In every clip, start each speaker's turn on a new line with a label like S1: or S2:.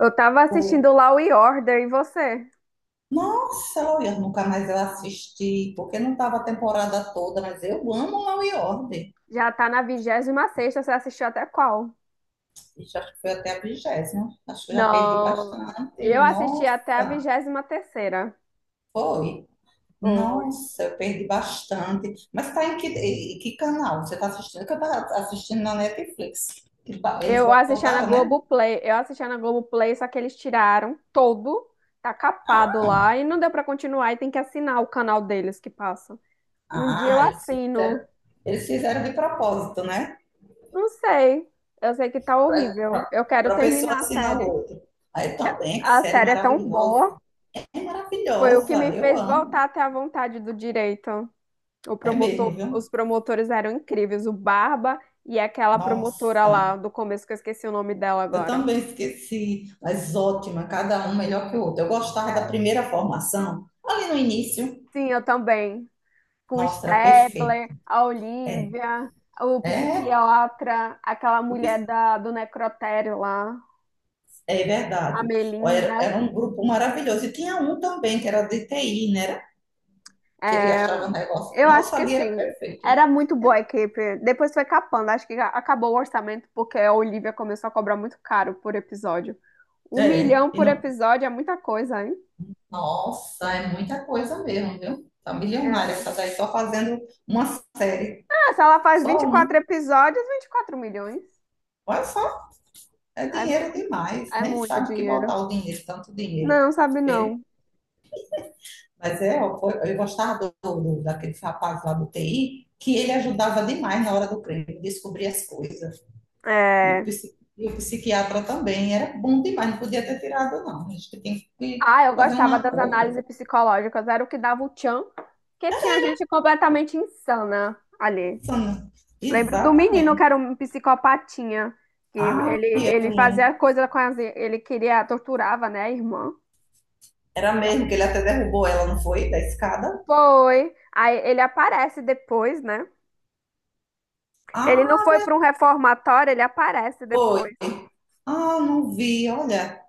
S1: Eu tava
S2: Pô,
S1: assistindo Law e Order e você?
S2: nossa, Law e Order, nunca mais eu assisti, porque não estava a temporada toda, mas eu amo Law e Order.
S1: Já tá na 26ª. Você assistiu até qual?
S2: Ixi, acho que foi até a vigésima. Acho que eu já perdi
S1: Não,
S2: bastante.
S1: eu assisti até a
S2: Nossa,
S1: 23ª.
S2: foi.
S1: Foi.
S2: Nossa, eu perdi bastante. Mas tá em que canal você está assistindo? Que eu estava assistindo na Netflix. Eles
S1: Eu assistia na
S2: voltaram, né?
S1: Globoplay, eu assistia na Globoplay, só que eles tiraram todo, tá capado lá e não deu pra continuar e tem que assinar o canal deles que passa. Um dia eu
S2: Ah,
S1: assino,
S2: eles fizeram de propósito, né?
S1: não sei, eu sei que tá horrível, eu quero
S2: Para a pessoa
S1: terminar a
S2: assinar o
S1: série.
S2: outro. Aí também, que
S1: A
S2: série
S1: série é tão boa,
S2: maravilhosa. É
S1: foi o que me
S2: maravilhosa, eu
S1: fez
S2: amo.
S1: voltar até a vontade do direito. O
S2: É mesmo,
S1: promotor, os
S2: viu?
S1: promotores eram incríveis, o Barba e aquela promotora lá
S2: Nossa,
S1: do começo, que eu esqueci o nome dela
S2: eu
S1: agora.
S2: também esqueci, mas ótima, cada um melhor que o outro. Eu gostava da
S1: É,
S2: primeira formação, ali no início.
S1: sim, eu também. Com o
S2: Nossa, era perfeito.
S1: Stabler, a
S2: É,
S1: Olivia, o
S2: é,
S1: psiquiatra, aquela
S2: o pis-
S1: mulher do necrotério lá,
S2: é
S1: a
S2: verdade. Ó, era,
S1: Melinda.
S2: era um grupo maravilhoso. E tinha um também que era de TI, né? Era? Que ele
S1: É,
S2: achava um negócio.
S1: eu acho
S2: Nossa,
S1: que
S2: ali era
S1: sim,
S2: perfeito.
S1: era muito boa a equipe. Depois foi capando, acho que acabou o orçamento porque a Olivia começou a cobrar muito caro por episódio. Um
S2: É,
S1: milhão
S2: e
S1: por
S2: não.
S1: episódio é muita coisa, hein?
S2: Nossa, é muita coisa mesmo, viu? Tá milionária
S1: É.
S2: essa daí, só fazendo uma série.
S1: Se ela faz vinte
S2: Só
S1: e
S2: uma.
S1: quatro episódios, 24 milhões.
S2: Olha, é
S1: É
S2: dinheiro
S1: muito,
S2: demais,
S1: é
S2: nem
S1: muito
S2: sabe o que
S1: dinheiro.
S2: botar o dinheiro, tanto dinheiro.
S1: Não, sabe não.
S2: Mas é, eu gostava daquele rapaz lá do TI, que ele ajudava demais na hora do crime, descobrir as coisas. E o,
S1: É...
S2: e o psiquiatra também, era bom demais, não podia ter tirado, não. A gente tem que
S1: Ah, eu
S2: fazer um
S1: gostava das
S2: acordo.
S1: análises psicológicas, era o que dava o tchan, que tinha gente completamente insana ali. Lembro do menino que
S2: Exatamente.
S1: era um psicopatinha, que
S2: Ah,
S1: ele
S2: eu...
S1: fazia coisa com as, ele queria, torturava, né, a irmã.
S2: era mesmo que ele até derrubou ela, não foi? Da escada?
S1: Foi. Aí ele aparece depois, né? Ele não
S2: Ah,
S1: foi para um reformatório, ele aparece
S2: foi.
S1: depois.
S2: Ah, não vi, olha.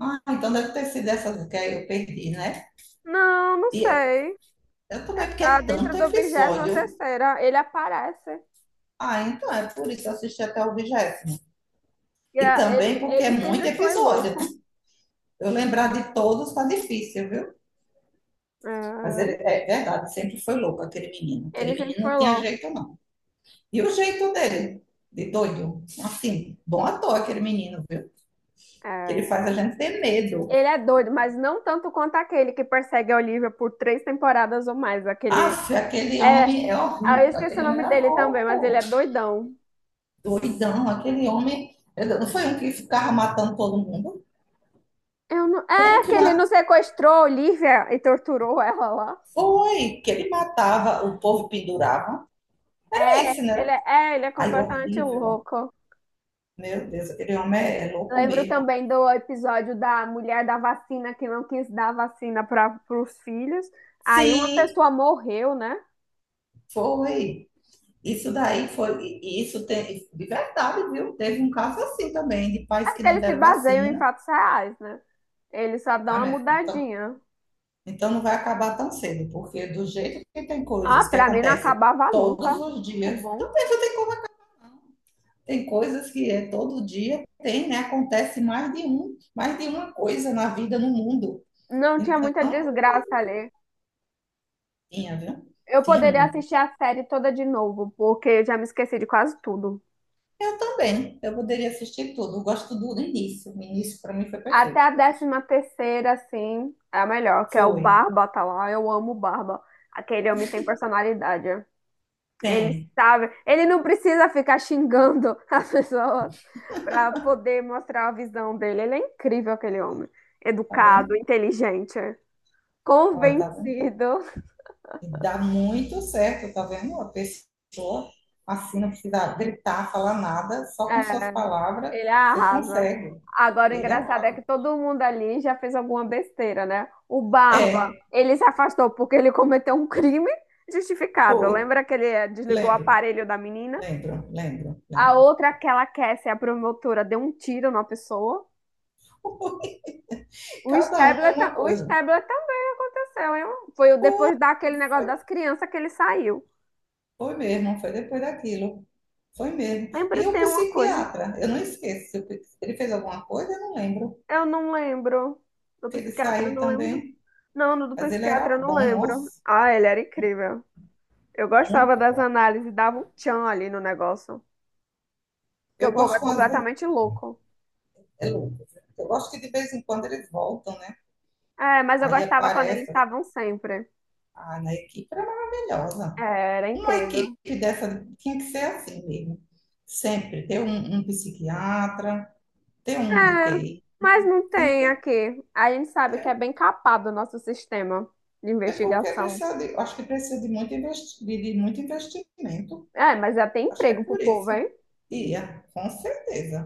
S2: Ah, então deve ter sido essas que eu perdi, né?
S1: Não, não
S2: E é-
S1: sei.
S2: eu
S1: É.
S2: também, porque
S1: Tá
S2: é
S1: dentro
S2: tanto
S1: do 23
S2: episódio.
S1: terceira Ele aparece.
S2: Ah, então é por isso que eu assisti até o vigésimo.
S1: E,
S2: E também
S1: Ele,
S2: porque é
S1: ele
S2: muito
S1: sempre foi
S2: episódio, né?
S1: louco.
S2: Eu lembrar de todos tá difícil, viu? Mas
S1: É,
S2: ele, é verdade, sempre foi louco aquele menino.
S1: ele
S2: Aquele
S1: sempre
S2: menino
S1: foi
S2: não tinha
S1: louco.
S2: jeito, não. E o jeito dele, de doido. Assim, bom ator aquele menino, viu? Que ele faz a
S1: É.
S2: gente ter medo.
S1: Ele é doido, mas não tanto quanto aquele que persegue a Olivia por 3 temporadas ou mais. Aquele.
S2: Aff, aquele
S1: É.
S2: homem é
S1: Eu
S2: horrível.
S1: esqueci
S2: Aquele
S1: o
S2: homem
S1: nome
S2: era
S1: dele também, mas ele
S2: louco.
S1: é doidão.
S2: Doidão, aquele homem. Não foi um que ficava matando todo mundo?
S1: Eu não...
S2: Um
S1: É,
S2: que
S1: que ele
S2: matou.
S1: não sequestrou a Olivia e torturou ela lá.
S2: Foi, que ele matava, o povo pendurava. Era
S1: É,
S2: esse,
S1: ele
S2: né?
S1: é, é, ele é
S2: Ai,
S1: completamente
S2: horrível.
S1: louco.
S2: Meu Deus, aquele homem é, é louco
S1: Lembro
S2: mesmo.
S1: também do episódio da mulher da vacina que não quis dar vacina para os filhos. Aí uma
S2: Sim,
S1: pessoa morreu, né?
S2: foi. Isso daí foi. E isso tem, de verdade, viu? Teve um caso assim também, de
S1: É
S2: pais que
S1: porque
S2: não
S1: eles se
S2: deram
S1: baseiam em
S2: vacina.
S1: fatos reais, né? Eles só dão
S2: Tá,
S1: uma
S2: minha filha? Então,
S1: mudadinha.
S2: então não vai acabar tão cedo, porque do jeito que tem
S1: Ah,
S2: coisas que
S1: pra mim não
S2: acontecem
S1: acabava nunca.
S2: todos os
S1: Muito
S2: dias, então
S1: bom.
S2: pensa, tem. Tem coisas que é todo dia tem, né? Acontece mais de um, mais de uma coisa na vida, no mundo.
S1: Não tinha
S2: Então,
S1: muita desgraça ali.
S2: tinha, viu?
S1: Eu
S2: Tinha
S1: poderia
S2: muito.
S1: assistir a série toda de novo, porque eu já me esqueci de quase tudo.
S2: Eu também. Eu poderia assistir tudo. Eu gosto do início. O início para mim foi
S1: Até
S2: perfeito.
S1: a 13ª, assim, é a melhor, que é o
S2: Foi.
S1: Barba, tá lá. Eu amo o Barba. Aquele homem tem personalidade. Ele
S2: Tem.
S1: sabe, ele não precisa ficar xingando as pessoas para poder mostrar a visão dele. Ele é incrível, aquele homem.
S2: Tá
S1: Educado,
S2: vendo?
S1: inteligente,
S2: Olha, tá vendo?
S1: convencido.
S2: E dá muito certo, tá vendo? A pessoa assim não precisa gritar, falar nada, só com suas
S1: É,
S2: palavras
S1: ele
S2: você
S1: arrasa.
S2: consegue.
S1: Agora, o
S2: Ele é
S1: engraçado é que
S2: algo.
S1: todo mundo ali já fez alguma besteira, né? O Barba,
S2: É,
S1: ele se afastou porque ele cometeu um crime justificado.
S2: foi.
S1: Lembra que ele desligou o
S2: Lembro,
S1: aparelho da menina?
S2: lembro, lembro,
S1: A
S2: lembro.
S1: outra, aquela Cassie, a promotora, deu um tiro na pessoa. O
S2: Cada um é
S1: Stabler, ta-
S2: uma
S1: o
S2: coisa.
S1: Stabler também aconteceu, hein? Depois daquele negócio
S2: Foi,
S1: das crianças que ele saiu.
S2: foi mesmo, foi depois daquilo. Foi mesmo.
S1: Lembra,
S2: E o
S1: tem uma coisa.
S2: psiquiatra, eu não esqueço. Se o pi- se ele fez alguma coisa, eu não lembro.
S1: Eu não lembro. Do
S2: Que ele
S1: psiquiatra, eu
S2: saiu
S1: não lembro.
S2: também,
S1: Não, do
S2: mas ele
S1: psiquiatra,
S2: era
S1: eu não
S2: bom,
S1: lembro.
S2: nossa,
S1: Ah, ele era incrível. Eu gostava
S2: muito
S1: das
S2: bom.
S1: análises, dava um tchan ali no negócio. Porque
S2: Eu
S1: o povo é
S2: gosto, quando, às vezes,
S1: completamente louco.
S2: é louco, né? Eu gosto que de vez em quando eles voltam, né?
S1: É, mas eu
S2: Aí
S1: gostava quando eles
S2: aparece,
S1: estavam sempre.
S2: ah, na equipe era
S1: É,
S2: maravilhosa.
S1: era
S2: Uma
S1: incrível.
S2: equipe dessa tinha que ser assim mesmo. Sempre ter um, um psiquiatra, ter
S1: É,
S2: um de T I.
S1: mas não
S2: Tem que
S1: tem
S2: ter.
S1: aqui. A gente sabe que é
S2: É.
S1: bem capado o nosso sistema de
S2: É porque
S1: investigação.
S2: precisa de, acho que precisa de muito, de muito investimento.
S1: É, mas já tem
S2: Acho que é
S1: emprego pro
S2: por
S1: povo,
S2: isso.
S1: hein?
S2: Ia, com certeza.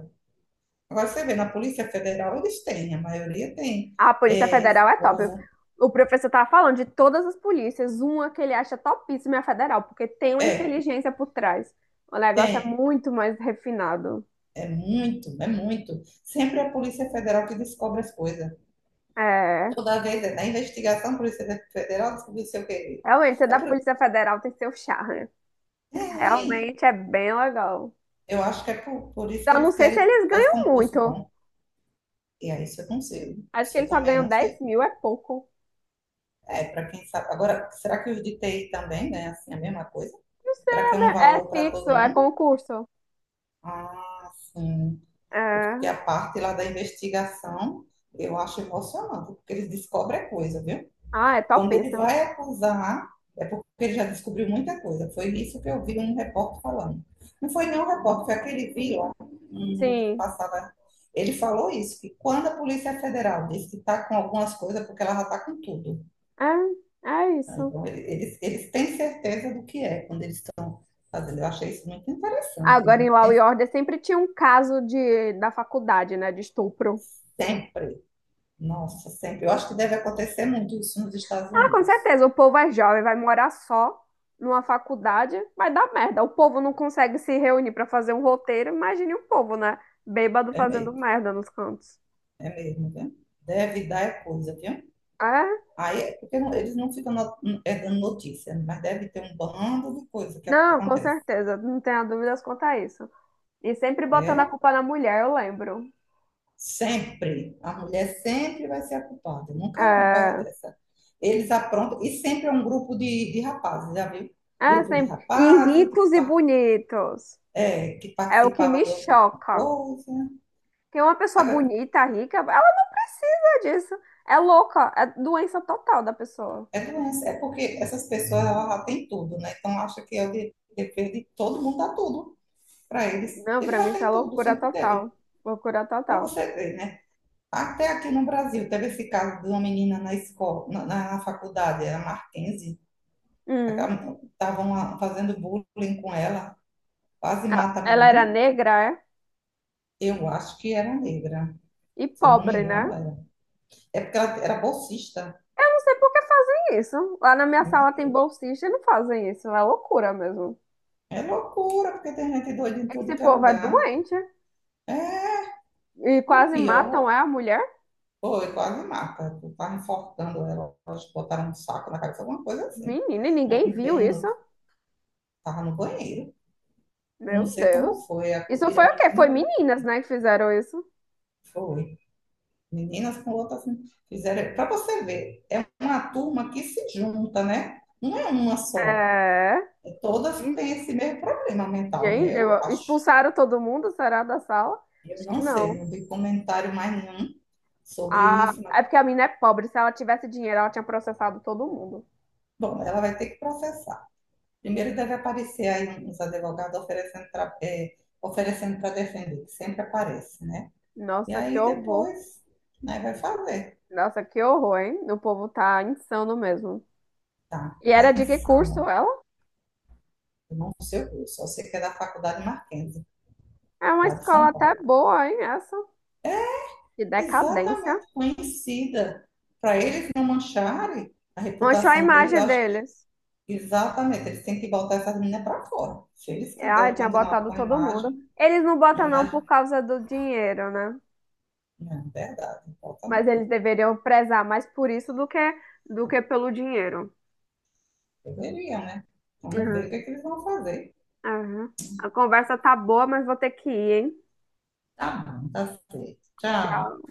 S2: Agora você vê, na Polícia Federal eles têm, a maioria tem.
S1: Ah, a Polícia
S2: É,
S1: Federal
S2: esse
S1: é top.
S2: povo,
S1: O professor tava falando de todas as polícias, uma que ele acha topíssima é a federal, porque tem uma
S2: é,
S1: inteligência por trás. O negócio é
S2: tem.
S1: muito mais refinado.
S2: É muito, é muito. Sempre é a Polícia Federal que descobre as coisas.
S1: É,
S2: Toda vez é na investigação, a Polícia Federal descobriu sei o quê.
S1: realmente, ser da Polícia Federal tem seu charme.
S2: É, tem.
S1: Realmente é bem legal.
S2: Eu acho que é por isso que
S1: Então, não
S2: eles
S1: sei se
S2: querem,
S1: eles
S2: faz
S1: ganham
S2: concurso
S1: muito.
S2: bom. E aí, isso eu não sei.
S1: Acho que
S2: Isso eu
S1: eles só
S2: também
S1: ganham
S2: não
S1: dez
S2: sei.
S1: mil, é pouco.
S2: É, para quem sabe. Agora, será que os de TI também ganham assim a mesma coisa?
S1: Não sei,
S2: Será que é um
S1: é
S2: valor para
S1: fixo,
S2: todo
S1: é
S2: mundo?
S1: concurso.
S2: Ah, sim. Porque
S1: É.
S2: a parte lá da investigação eu acho emocionante, porque eles descobrem coisa, viu?
S1: Ah, é
S2: Quando ele
S1: topíssimo.
S2: vai acusar, é porque ele já descobriu muita coisa. Foi isso que eu vi um repórter falando. Não foi nem nenhum repórter, foi aquele vilão que
S1: Sim.
S2: passava. Ele falou isso, que quando a Polícia Federal disse que está com algumas coisas, é porque ela já está com tudo.
S1: É, é isso.
S2: Então, eles têm certeza do que é quando eles estão fazendo. Eu achei isso muito interessante,
S1: Agora, em
S2: né?
S1: Law e
S2: Tem
S1: Order, sempre tinha um caso da faculdade, né? De estupro.
S2: sempre, nossa, sempre. Eu acho que deve acontecer muito isso nos Estados
S1: Ah, com
S2: Unidos.
S1: certeza, o povo é jovem, vai morar só numa faculdade, vai dar merda. O povo não consegue se reunir pra fazer um roteiro. Imagine o povo, né? Bêbado
S2: É
S1: fazendo
S2: mesmo,
S1: merda nos cantos.
S2: é mesmo, viu? Deve dar é coisa, viu?
S1: É?
S2: Aí, é porque eles não ficam é, dando notícia, né? Mas deve ter um bando de coisa que
S1: Não, com
S2: acontece.
S1: certeza. Não tenha dúvidas quanto a isso. E sempre botando
S2: É,
S1: a culpa na mulher, eu lembro.
S2: sempre. A mulher sempre vai ser a culpada. Nunca vi uma coisa
S1: É,
S2: dessa. Eles aprontam, e sempre é um grupo de rapazes, já viu?
S1: é
S2: Grupo de
S1: sempre. E
S2: rapazes que
S1: ricos e bonitos.
S2: é, que
S1: É o que
S2: participava
S1: me
S2: de alguma
S1: choca.
S2: coisa.
S1: Tem uma pessoa
S2: Agora,
S1: bonita, rica, ela não precisa disso. É louca, é doença total da pessoa.
S2: é doença, é porque essas pessoas elas já têm tudo, né? Então acha que é o dever de todo mundo dar tudo para eles.
S1: Não,
S2: Ele
S1: pra
S2: já
S1: mim isso é
S2: tem tudo,
S1: loucura
S2: sempre teve.
S1: total. Loucura
S2: Para
S1: total.
S2: você ver, né? Até aqui no Brasil teve esse caso de uma menina na escola, na faculdade, era Marquense,
S1: Hum.
S2: estavam fazendo bullying com ela, quase
S1: Ela
S2: mata a
S1: ela era
S2: menina.
S1: negra, é?
S2: Eu acho que era negra,
S1: E
S2: se eu não me
S1: pobre, né?
S2: engano, era. É porque ela era bolsista.
S1: Eu não sei por que fazem isso. Lá na minha sala tem bolsista e não fazem isso. É loucura mesmo.
S2: É loucura, porque tem gente doida em tudo
S1: Esse
S2: que é
S1: povo é
S2: lugar.
S1: doente.
S2: É
S1: E
S2: o
S1: quase matam é,
S2: pior.
S1: a mulher.
S2: Foi, quase mata. Eu tava enforcando ela. Elas botaram um saco na cabeça, alguma coisa assim.
S1: Menina, e
S2: Não
S1: ninguém
S2: vi
S1: viu
S2: bem,
S1: isso.
S2: tava no banheiro. Eu não
S1: Meu
S2: sei como
S1: Deus.
S2: foi.
S1: Isso
S2: Acudiram
S1: foi
S2: a
S1: o quê?
S2: menina,
S1: Foi
S2: ela não
S1: meninas, né, que fizeram isso.
S2: foi. Meninas com outras assim, fizeram. Para você ver, é uma turma que se junta, né? Não é uma só.
S1: É.
S2: É, todas
S1: E,
S2: têm esse mesmo problema mental,
S1: Gente,
S2: né? Eu acho.
S1: expulsaram todo mundo, será, da sala?
S2: Eu
S1: Acho que
S2: não sei,
S1: não.
S2: não vi comentário mais nenhum sobre
S1: Ah,
S2: isso.
S1: é porque a mina é pobre. Se ela tivesse dinheiro, ela tinha processado todo mundo.
S2: Bom, ela vai ter que processar. Primeiro deve aparecer aí uns advogados oferecendo para é, oferecendo para defender, que sempre aparece, né? E
S1: Nossa, que
S2: aí
S1: horror.
S2: depois, né, vai fazer.
S1: Nossa, que horror, hein? O povo tá insano mesmo.
S2: Tá,
S1: E
S2: tá
S1: era de que curso
S2: insano.
S1: ela?
S2: Eu não sei o curso, eu sei que é da Faculdade Marquense,
S1: É uma
S2: lá de
S1: escola
S2: São
S1: até
S2: Paulo.
S1: boa, hein? Essa. Que decadência.
S2: Exatamente conhecida. Para eles não mancharem a
S1: Manchou a
S2: reputação deles, eu
S1: imagem
S2: acho
S1: deles.
S2: que exatamente, eles têm que botar essas meninas para fora. Se eles
S1: Ah,
S2: quiserem
S1: tinha
S2: continuar
S1: botado
S2: com
S1: todo mundo. Eles não
S2: a
S1: botam não por
S2: imagem
S1: causa do dinheiro, né?
S2: não é verdade, não importa
S1: Mas
S2: não.
S1: eles deveriam prezar mais por isso do que, pelo dinheiro.
S2: Deveriam, né? Vamos ver
S1: Uhum.
S2: o que, é que eles vão fazer.
S1: Aham. A conversa tá boa, mas vou ter que ir, hein?
S2: Tá bom, tá certo. Tchau.
S1: Tchau.